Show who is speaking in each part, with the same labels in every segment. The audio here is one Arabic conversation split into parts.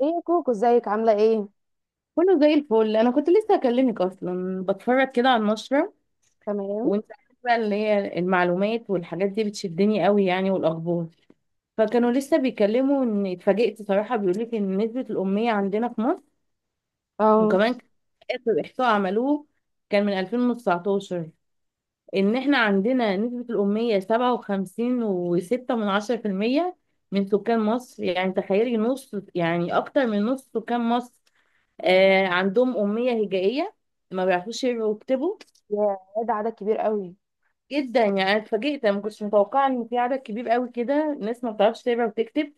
Speaker 1: ايه يا كوكو، ازيك؟ عامله ايه؟
Speaker 2: كله زي الفل. انا كنت لسه اكلمك اصلا، بتفرج كده على النشره.
Speaker 1: تمام.
Speaker 2: وانت عارفة بقى اللي هي المعلومات والحاجات دي بتشدني قوي يعني، والاخبار. فكانوا لسه بيكلموا ان اتفاجئت صراحه، بيقول لك ان نسبه الاميه عندنا في مصر
Speaker 1: اه.
Speaker 2: وكمان اخر احصاء عملوه كان من 2019، ان احنا عندنا نسبة الأمية 57.6% من سكان مصر. يعني تخيلي نص، يعني أكتر من نص سكان مصر عندهم أمية هجائية، ما بيعرفوش يقروا ويكتبوا
Speaker 1: يا، ده عدد كبير قوي.
Speaker 2: جدا. يعني أنا اتفاجئت، أنا ما كنتش متوقعة إن في عدد كبير قوي كده ناس ما بتعرفش تقرا وتكتب.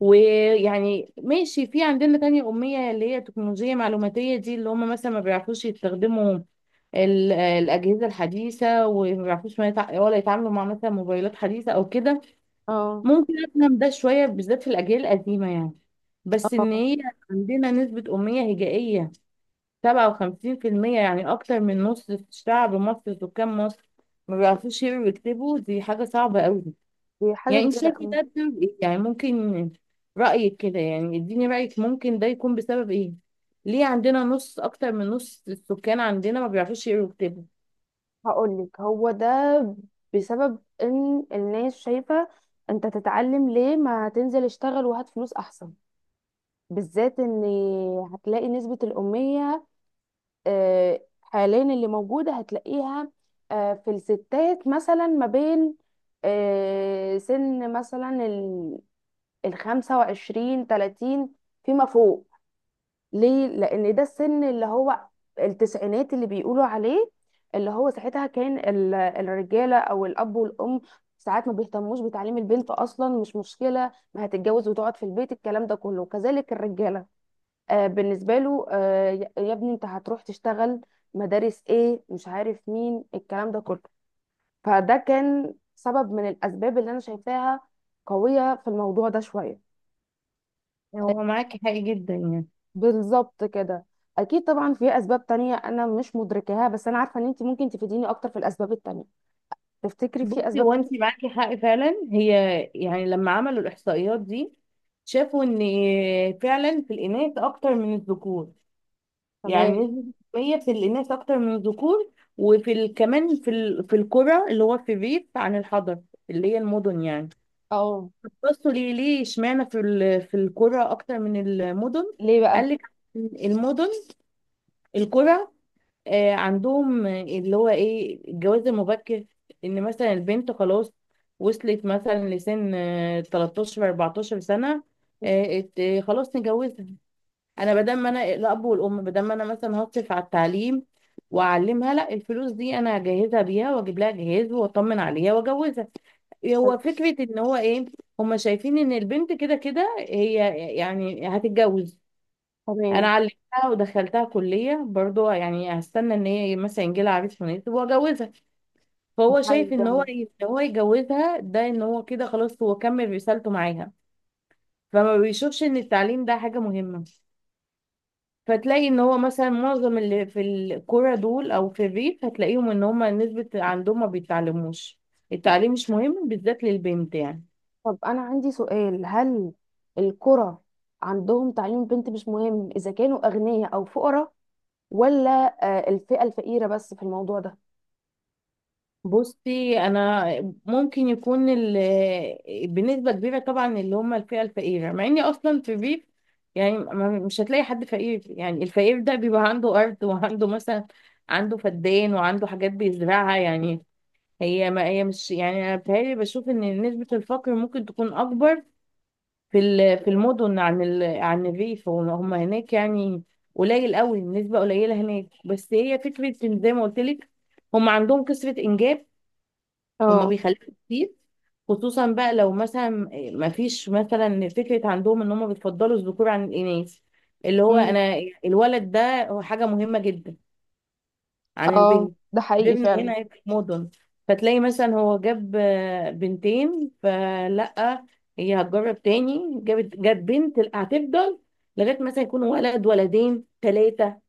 Speaker 2: ويعني ماشي، في عندنا تانية أمية اللي هي تكنولوجية معلوماتية، دي اللي هم مثلا ما بيعرفوش يستخدموا الأجهزة الحديثة، وما بيعرفوش ما يتع... ولا يتعاملوا مع مثلا موبايلات حديثة أو كده.
Speaker 1: اه.
Speaker 2: ممكن أفهم ده شوية بالذات في الأجيال القديمة يعني، بس إن
Speaker 1: اه.
Speaker 2: هي عندنا نسبة أمية هجائية 57%، يعني أكتر من نص شعب مصر سكان مصر ما بيعرفوش يقروا ويكتبوا، دي حاجة صعبة أوي.
Speaker 1: دي
Speaker 2: يعني
Speaker 1: حاجه
Speaker 2: انت
Speaker 1: كبيره
Speaker 2: شايفه
Speaker 1: قوي.
Speaker 2: ده بسبب ايه يعني؟ ممكن رأيك كده، يعني اديني رأيك، ممكن ده يكون بسبب ايه؟ ليه عندنا نص اكتر من نص السكان عندنا ما بيعرفوش يقروا ويكتبوا؟
Speaker 1: هقول لك، هو ده بسبب ان الناس شايفه انت تتعلم ليه؟ ما تنزل اشتغل وهات فلوس احسن. بالذات ان هتلاقي نسبه الاميه حاليا اللي موجوده، هتلاقيها في الستات مثلا ما بين سن مثلا 25 30 فيما فوق. ليه؟ لان ده السن اللي هو التسعينات اللي بيقولوا عليه، اللي هو ساعتها كان الرجاله او الاب والام ساعات ما بيهتموش بتعليم البنت اصلا، مش مشكله، ما هتتجوز وتقعد في البيت، الكلام ده كله. وكذلك الرجاله، بالنسبه له، يا ابني انت هتروح تشتغل، مدارس ايه، مش عارف مين، الكلام ده كله. فده كان سبب من الاسباب اللي انا شايفاها قويه في الموضوع ده شويه.
Speaker 2: هو معاكي حق جدا يعني.
Speaker 1: بالظبط كده. اكيد طبعا في اسباب تانية انا مش مدركاها، بس انا عارفه ان انت ممكن تفيديني اكتر في الاسباب التانية. تفتكري في
Speaker 2: بصي،
Speaker 1: اسباب
Speaker 2: هو
Speaker 1: تانية؟
Speaker 2: انت معاكي حق فعلا هي. يعني لما عملوا الاحصائيات دي شافوا ان فعلا في الاناث اكتر من الذكور. يعني
Speaker 1: تمام.
Speaker 2: نسبة التنمية في الاناث اكتر من الذكور. وفي كمان في في القرى اللي هو في الريف عن الحضر اللي هي المدن يعني.
Speaker 1: اه.
Speaker 2: بصوا ليه، اشمعنى في في القرى اكتر من المدن؟
Speaker 1: ليه
Speaker 2: قال
Speaker 1: بقى؟
Speaker 2: لك المدن القرى عندهم اللي هو ايه الجواز المبكر. ان مثلا البنت خلاص وصلت مثلا لسن 13 14 سنة. خلاص نجوزها. انا بدل ما انا الاب والام، بدل ما انا مثلا هصرف على التعليم واعلمها، لا، الفلوس دي انا هجهزها بيها واجيب لها جهاز واطمن عليها واجوزها.
Speaker 1: طيب،
Speaker 2: هو فكرة ان هو ايه، هما شايفين ان البنت كده كده هي يعني هتتجوز. انا
Speaker 1: تمام.
Speaker 2: علمتها ودخلتها كلية برضو، يعني هستنى ان هي مثلا يجيلها عريس مناسب واجوزها.
Speaker 1: مش
Speaker 2: فهو شايف
Speaker 1: عايزة
Speaker 2: ان هو
Speaker 1: أنا.
Speaker 2: ان هو يجوزها، ده ان هو كده خلاص هو كمل رسالته معاها. فما بيشوفش ان التعليم ده حاجة مهمة. فتلاقي ان هو مثلا معظم اللي في الكوره دول او في الريف هتلاقيهم ان هما نسبة عندهم ما بيتعلموش. التعليم مش مهم بالذات للبنت يعني.
Speaker 1: طب انا عندي سؤال، هل القرى عندهم تعليم بنت مش مهم اذا كانوا اغنياء او فقراء، ولا الفئه الفقيره بس في الموضوع ده؟
Speaker 2: بصي انا، ممكن يكون بنسبة كبيرة طبعا اللي هما الفئة الفقيرة، مع اني اصلا في الريف يعني مش هتلاقي حد فقير. يعني الفقير ده بيبقى عنده ارض وعنده مثلا عنده فدان وعنده حاجات بيزرعها يعني. هي ما هي مش يعني، انا بتهيألي بشوف ان نسبة الفقر ممكن تكون اكبر في في المدن عن عن الريف. هم هناك يعني قليل قوي، النسبة قليلة هناك. بس هي فكرة إن زي ما قلت لك هم عندهم كثرة إنجاب، هم
Speaker 1: اه.
Speaker 2: بيخلفوا كتير. خصوصا بقى لو مثلا ما فيش مثلا فكرة عندهم إن هم بيفضلوا الذكور عن الإناث. اللي هو
Speaker 1: امم.
Speaker 2: أنا الولد ده هو حاجة مهمة جدا عن
Speaker 1: اه.
Speaker 2: البنت.
Speaker 1: ده حقيقي
Speaker 2: غيرنا
Speaker 1: فعلا.
Speaker 2: هنا هيبقى في مدن، فتلاقي مثلا هو جاب بنتين، فلا، هي هتجرب تاني، جابت جاب بنت، لا، هتفضل لغايه مثلا يكون ولد ولدين ثلاثه،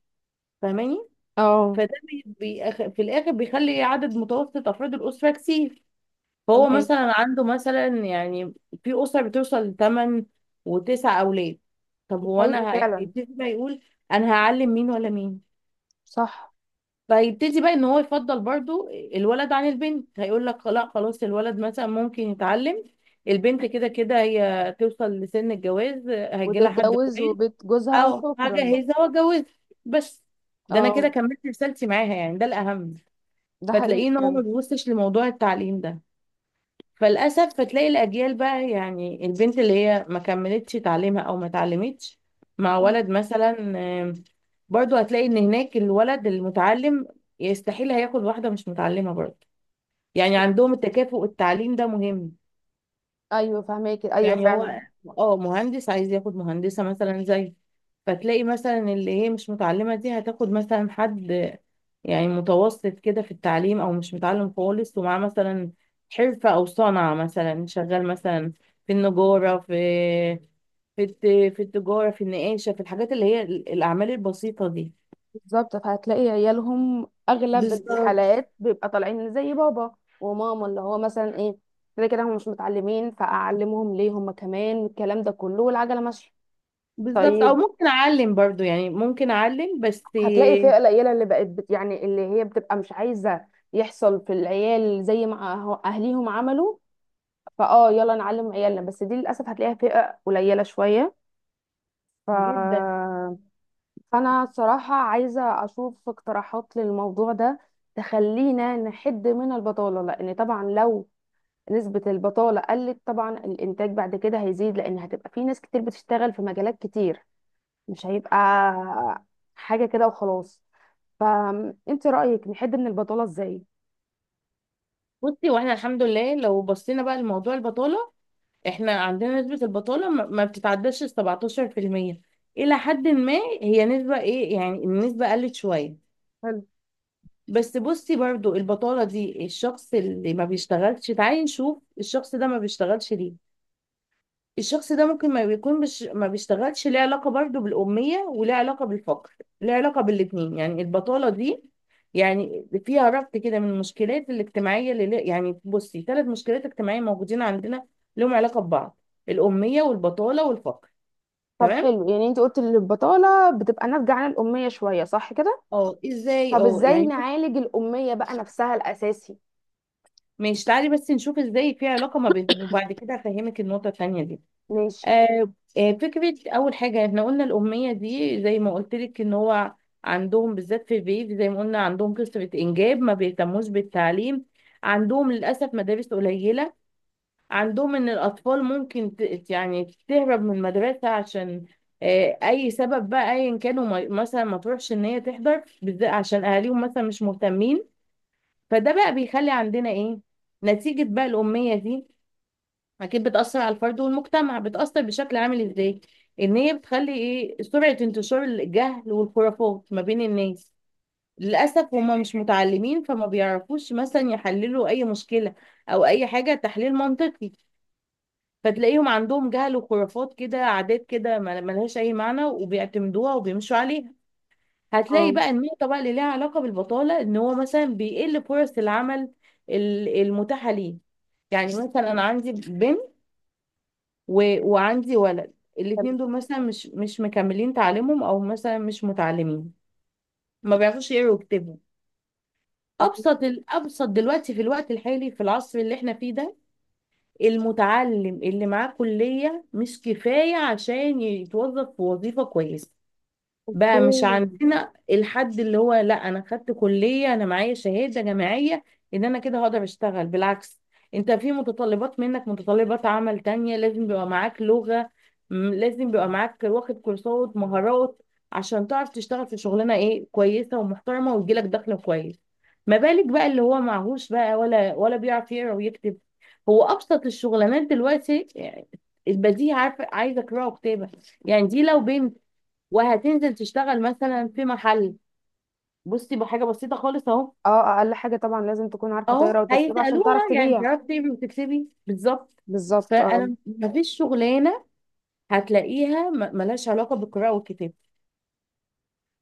Speaker 2: فاهماني؟
Speaker 1: اه.
Speaker 2: فده بي في الاخر بيخلي عدد متوسط افراد الاسره كتير. فهو
Speaker 1: تمام.
Speaker 2: مثلا عنده مثلا يعني في اسره بتوصل لثمان وتسع اولاد. طب
Speaker 1: ده حقيقي
Speaker 2: وانا
Speaker 1: فعلا.
Speaker 2: هيبتدي بقى يقول انا هعلم مين ولا مين.
Speaker 1: صح.
Speaker 2: فيبتدي بقى ان هو يفضل برضو الولد عن البنت، هيقول لك لا خلاص الولد مثلا ممكن يتعلم، البنت كده كده هي توصل لسن الجواز، هيجي لها حد
Speaker 1: وتتجوز
Speaker 2: كويس
Speaker 1: وبيت جوزها
Speaker 2: او
Speaker 1: وشكرا.
Speaker 2: هجهزها واتجوزها بس. ده انا
Speaker 1: اه،
Speaker 2: كده كملت رسالتي معاها يعني، ده الاهم.
Speaker 1: ده
Speaker 2: فتلاقيه
Speaker 1: حقيقي
Speaker 2: ان هو ما
Speaker 1: فعلا.
Speaker 2: بيبصش لموضوع التعليم ده. فللاسف فتلاقي الاجيال بقى، يعني البنت اللي هي ما كملتش تعليمها او ما اتعلمتش مع
Speaker 1: مم.
Speaker 2: ولد مثلا. آم، برضو هتلاقي ان هناك الولد المتعلم يستحيل هياخد واحده مش متعلمه برضو. يعني عندهم التكافؤ، التعليم ده مهم.
Speaker 1: ايوه فهماكي، ايوه
Speaker 2: يعني
Speaker 1: فعلا.
Speaker 2: هو اه مهندس عايز ياخد مهندسه مثلا زي. فتلاقي مثلا اللي هي مش متعلمه دي هتاخد مثلا حد يعني متوسط كده في التعليم او مش متعلم خالص، ومعاه مثلا حرفة او صنعة، مثلا شغال مثلا في النجارة، في في الت- في التجارة، في النقاشة، في الحاجات اللي هي الأعمال البسيطة دي.
Speaker 1: بالظبط، فهتلاقي عيالهم اغلب
Speaker 2: بالظبط.
Speaker 1: الحالات بيبقى طالعين زي بابا وماما، اللي هو مثلا ايه، كده كده هم مش متعلمين، فاعلمهم ليه؟ هم كمان الكلام ده كله، والعجله ماشيه.
Speaker 2: بالظبط، أو
Speaker 1: طيب،
Speaker 2: ممكن أعلم برضو، يعني ممكن أعلم بس.
Speaker 1: هتلاقي فئه قليله اللي بقت يعني اللي هي بتبقى مش عايزه يحصل في العيال زي ما اهليهم عملوا، فاه يلا نعلم عيالنا، بس دي للاسف هتلاقيها فئه قليله شويه. ف...
Speaker 2: جدا.
Speaker 1: فأنا صراحة عايزة أشوف اقتراحات للموضوع ده تخلينا نحد من البطالة، لأن طبعا لو نسبة البطالة قلت طبعا الإنتاج بعد كده هيزيد، لأن هتبقى في ناس كتير بتشتغل في مجالات كتير، مش هيبقى حاجة كده وخلاص. فأنت رأيك نحد من البطالة إزاي؟
Speaker 2: بصي، واحنا الحمد لله لو بصينا بقى لموضوع البطالة، احنا عندنا نسبة البطالة ما بتتعداش ال 17% إلى حد ما. هي نسبة إيه يعني، النسبة قلت شوية.
Speaker 1: حلو.
Speaker 2: بس بصي برضو البطالة دي، الشخص اللي ما بيشتغلش، تعالي نشوف الشخص ده ما بيشتغلش ليه. الشخص ده ممكن ما بيكون مش ما بيشتغلش، ليه علاقة برضو بالأمية وليه علاقة بالفقر، ليه علاقة بالاتنين. يعني البطالة دي يعني فيها ربط كده من المشكلات الاجتماعية، اللي يعني بصي 3 مشكلات اجتماعية موجودين عندنا لهم علاقة ببعض: الأمية والبطالة والفقر.
Speaker 1: طب
Speaker 2: تمام.
Speaker 1: حلو، يعني انت قلت ان البطالة بتبقى ناتجة عن الأمية شوية، صح كده؟
Speaker 2: اه ازاي
Speaker 1: طب
Speaker 2: اه
Speaker 1: ازاي
Speaker 2: يعني.
Speaker 1: نعالج الأمية بقى نفسها الأساسي؟
Speaker 2: ماشي، تعالي بس نشوف ازاي في علاقة ما بينهم وبعد كده هفهمك النقطة التانية دي.
Speaker 1: ماشي.
Speaker 2: آه، فكرة أول حاجة احنا قلنا الأمية دي زي ما قلت لك إن هو عندهم بالذات في الريف زي ما قلنا عندهم كثرة إنجاب، ما بيهتموش بالتعليم، عندهم للأسف مدارس قليلة، عندهم إن الأطفال ممكن يعني تهرب من المدرسة عشان أي سبب بقى أيا كانوا مثلا ما تروحش، إن هي تحضر بالذات عشان أهاليهم مثلا مش مهتمين. فده بقى بيخلي عندنا إيه نتيجة بقى الأمية دي، اكيد بتأثر على الفرد والمجتمع، بتأثر بشكل عامل ازاي، ان هي بتخلي ايه سرعة انتشار الجهل والخرافات ما بين الناس. للأسف هما مش متعلمين فما بيعرفوش مثلا يحللوا اي مشكلة او اي حاجة تحليل منطقي. فتلاقيهم عندهم جهل وخرافات كده، عادات كده ملهاش اي معنى وبيعتمدوها وبيمشوا عليها. هتلاقي
Speaker 1: اه.
Speaker 2: بقى النقطة بقى اللي ليها علاقة بالبطالة، ان هو مثلا بيقل فرص العمل المتاحة ليه. يعني مثلا انا عندي بنت و... وعندي ولد، الاتنين دول مثلا مش مكملين تعليمهم، او مثلا مش متعلمين، ما بيعرفوش يقروا ويكتبوا.
Speaker 1: تمام.
Speaker 2: ابسط الابسط دلوقتي في الوقت الحالي في العصر اللي احنا فيه ده، المتعلم اللي معاه كلية مش كفاية عشان يتوظف في وظيفة كويسة.
Speaker 1: اوكي.
Speaker 2: بقى مش عندنا الحد اللي هو لا انا خدت كلية انا معايا شهادة جامعية ان انا كده هقدر اشتغل، بالعكس، انت في متطلبات منك، متطلبات عمل تانية، لازم بيبقى معاك لغة، لازم بيبقى معاك واخد كورسات مهارات عشان تعرف تشتغل في شغلانة ايه كويسة ومحترمة ويجيلك دخل كويس. ما بالك بقى اللي هو معهوش بقى ولا بيعرف يقرا ويكتب. هو ابسط الشغلانات دلوقتي، يعني البديهي، عارفه، عايزه قراءه وكتابه. يعني دي لو بنت وهتنزل تشتغل مثلا في محل، بصي بحاجه بسيطه خالص اهو،
Speaker 1: اه، اقل حاجه طبعا لازم تكون عارفه تقرا
Speaker 2: اهو
Speaker 1: وتكتب عشان
Speaker 2: هيسالوها
Speaker 1: تعرف
Speaker 2: يعني
Speaker 1: تبيع.
Speaker 2: بتعرفي تعملي وتكسبي، بالظبط.
Speaker 1: بالظبط. اه.
Speaker 2: فانا مفيش شغلانه هتلاقيها ملهاش علاقه بالقراءه والكتابه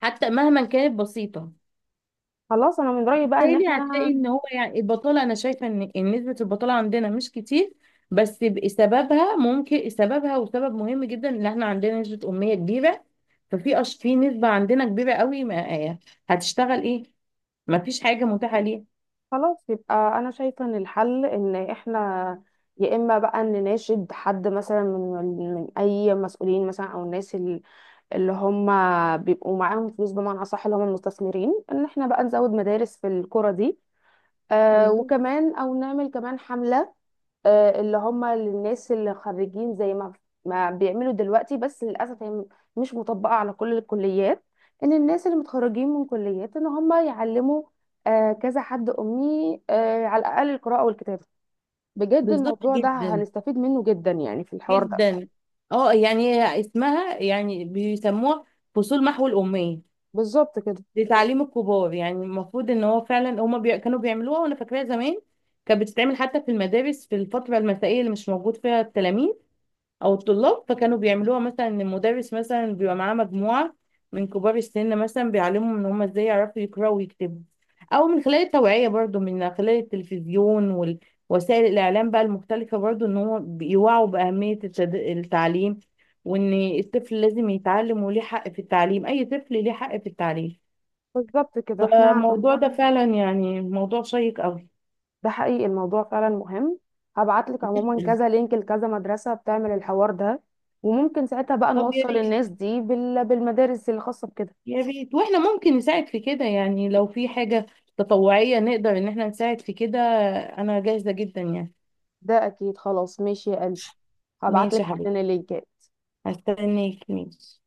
Speaker 2: حتى مهما كانت بسيطه.
Speaker 1: خلاص انا من رايي بقى ان
Speaker 2: بالتالي هتلاقي
Speaker 1: احنا،
Speaker 2: ان هو يعني البطاله، انا شايفه ان إن نسبه البطاله عندنا مش كتير، بس سببها ممكن، سببها وسبب مهم جدا ان احنا عندنا نسبه اميه كبيره. ففي في نسبه عندنا كبيره قوي ما... هتشتغل ايه، مفيش حاجه متاحه ليها.
Speaker 1: خلاص يبقى انا شايفه ان الحل ان احنا، يا اما بقى نناشد حد مثلا من اي مسؤولين مثلا او الناس اللي هم بيبقوا معاهم فلوس، بمعنى اصح اللي هم المستثمرين، ان احنا بقى نزود مدارس في القرى دي.
Speaker 2: بالظبط.
Speaker 1: وكمان او نعمل كمان حمله، اللي هم الناس اللي خريجين زي ما ما بيعملوا دلوقتي، بس للاسف هي مش مطبقه على كل الكليات، ان الناس اللي متخرجين من كليات ان هم يعلموا كذا حد امي على الاقل القراءه والكتابه. بجد
Speaker 2: بالظبط
Speaker 1: الموضوع ده
Speaker 2: جدا.
Speaker 1: هنستفيد منه جدا يعني في الحوار ده.
Speaker 2: جدا. اه يعني هي اسمها يعني بيسموها فصول محو الأمية
Speaker 1: بالظبط كده.
Speaker 2: لتعليم الكبار. يعني المفروض ان هو فعلا هما كانوا بيعملوها، وانا فاكراها زمان كانت بتتعمل حتى في المدارس في الفترة المسائية اللي مش موجود فيها التلاميذ او الطلاب. فكانوا بيعملوها مثلا ان المدرس مثلا بيبقى معاه مجموعه من كبار السن مثلا بيعلمهم ان هم ازاي يعرفوا يقراوا ويكتبوا، او من خلال التوعيه برضو من خلال التلفزيون ووسائل الاعلام بقى المختلفه، برضو ان هو بيوعوا باهميه التعليم، وان الطفل لازم يتعلم وليه حق في التعليم، اي طفل ليه حق في التعليم.
Speaker 1: بالظبط كده احنا،
Speaker 2: فالموضوع ده فعلا يعني موضوع شيق قوي.
Speaker 1: ده حقيقي الموضوع فعلا مهم. هبعت لك عموما كذا لينك لكذا مدرسه بتعمل الحوار ده، وممكن ساعتها بقى
Speaker 2: طب يا
Speaker 1: نوصل
Speaker 2: ريت،
Speaker 1: الناس دي بالمدارس الخاصه بكده.
Speaker 2: يا ريت واحنا ممكن نساعد في كده، يعني لو في حاجة تطوعية نقدر ان احنا نساعد في كده، انا جاهزة جدا يعني.
Speaker 1: ده اكيد، خلاص ماشي يا قلبي، هبعت
Speaker 2: ماشي
Speaker 1: لك
Speaker 2: يا
Speaker 1: حالا
Speaker 2: حبيبتي،
Speaker 1: اللينكات.
Speaker 2: هستناك، ماشي.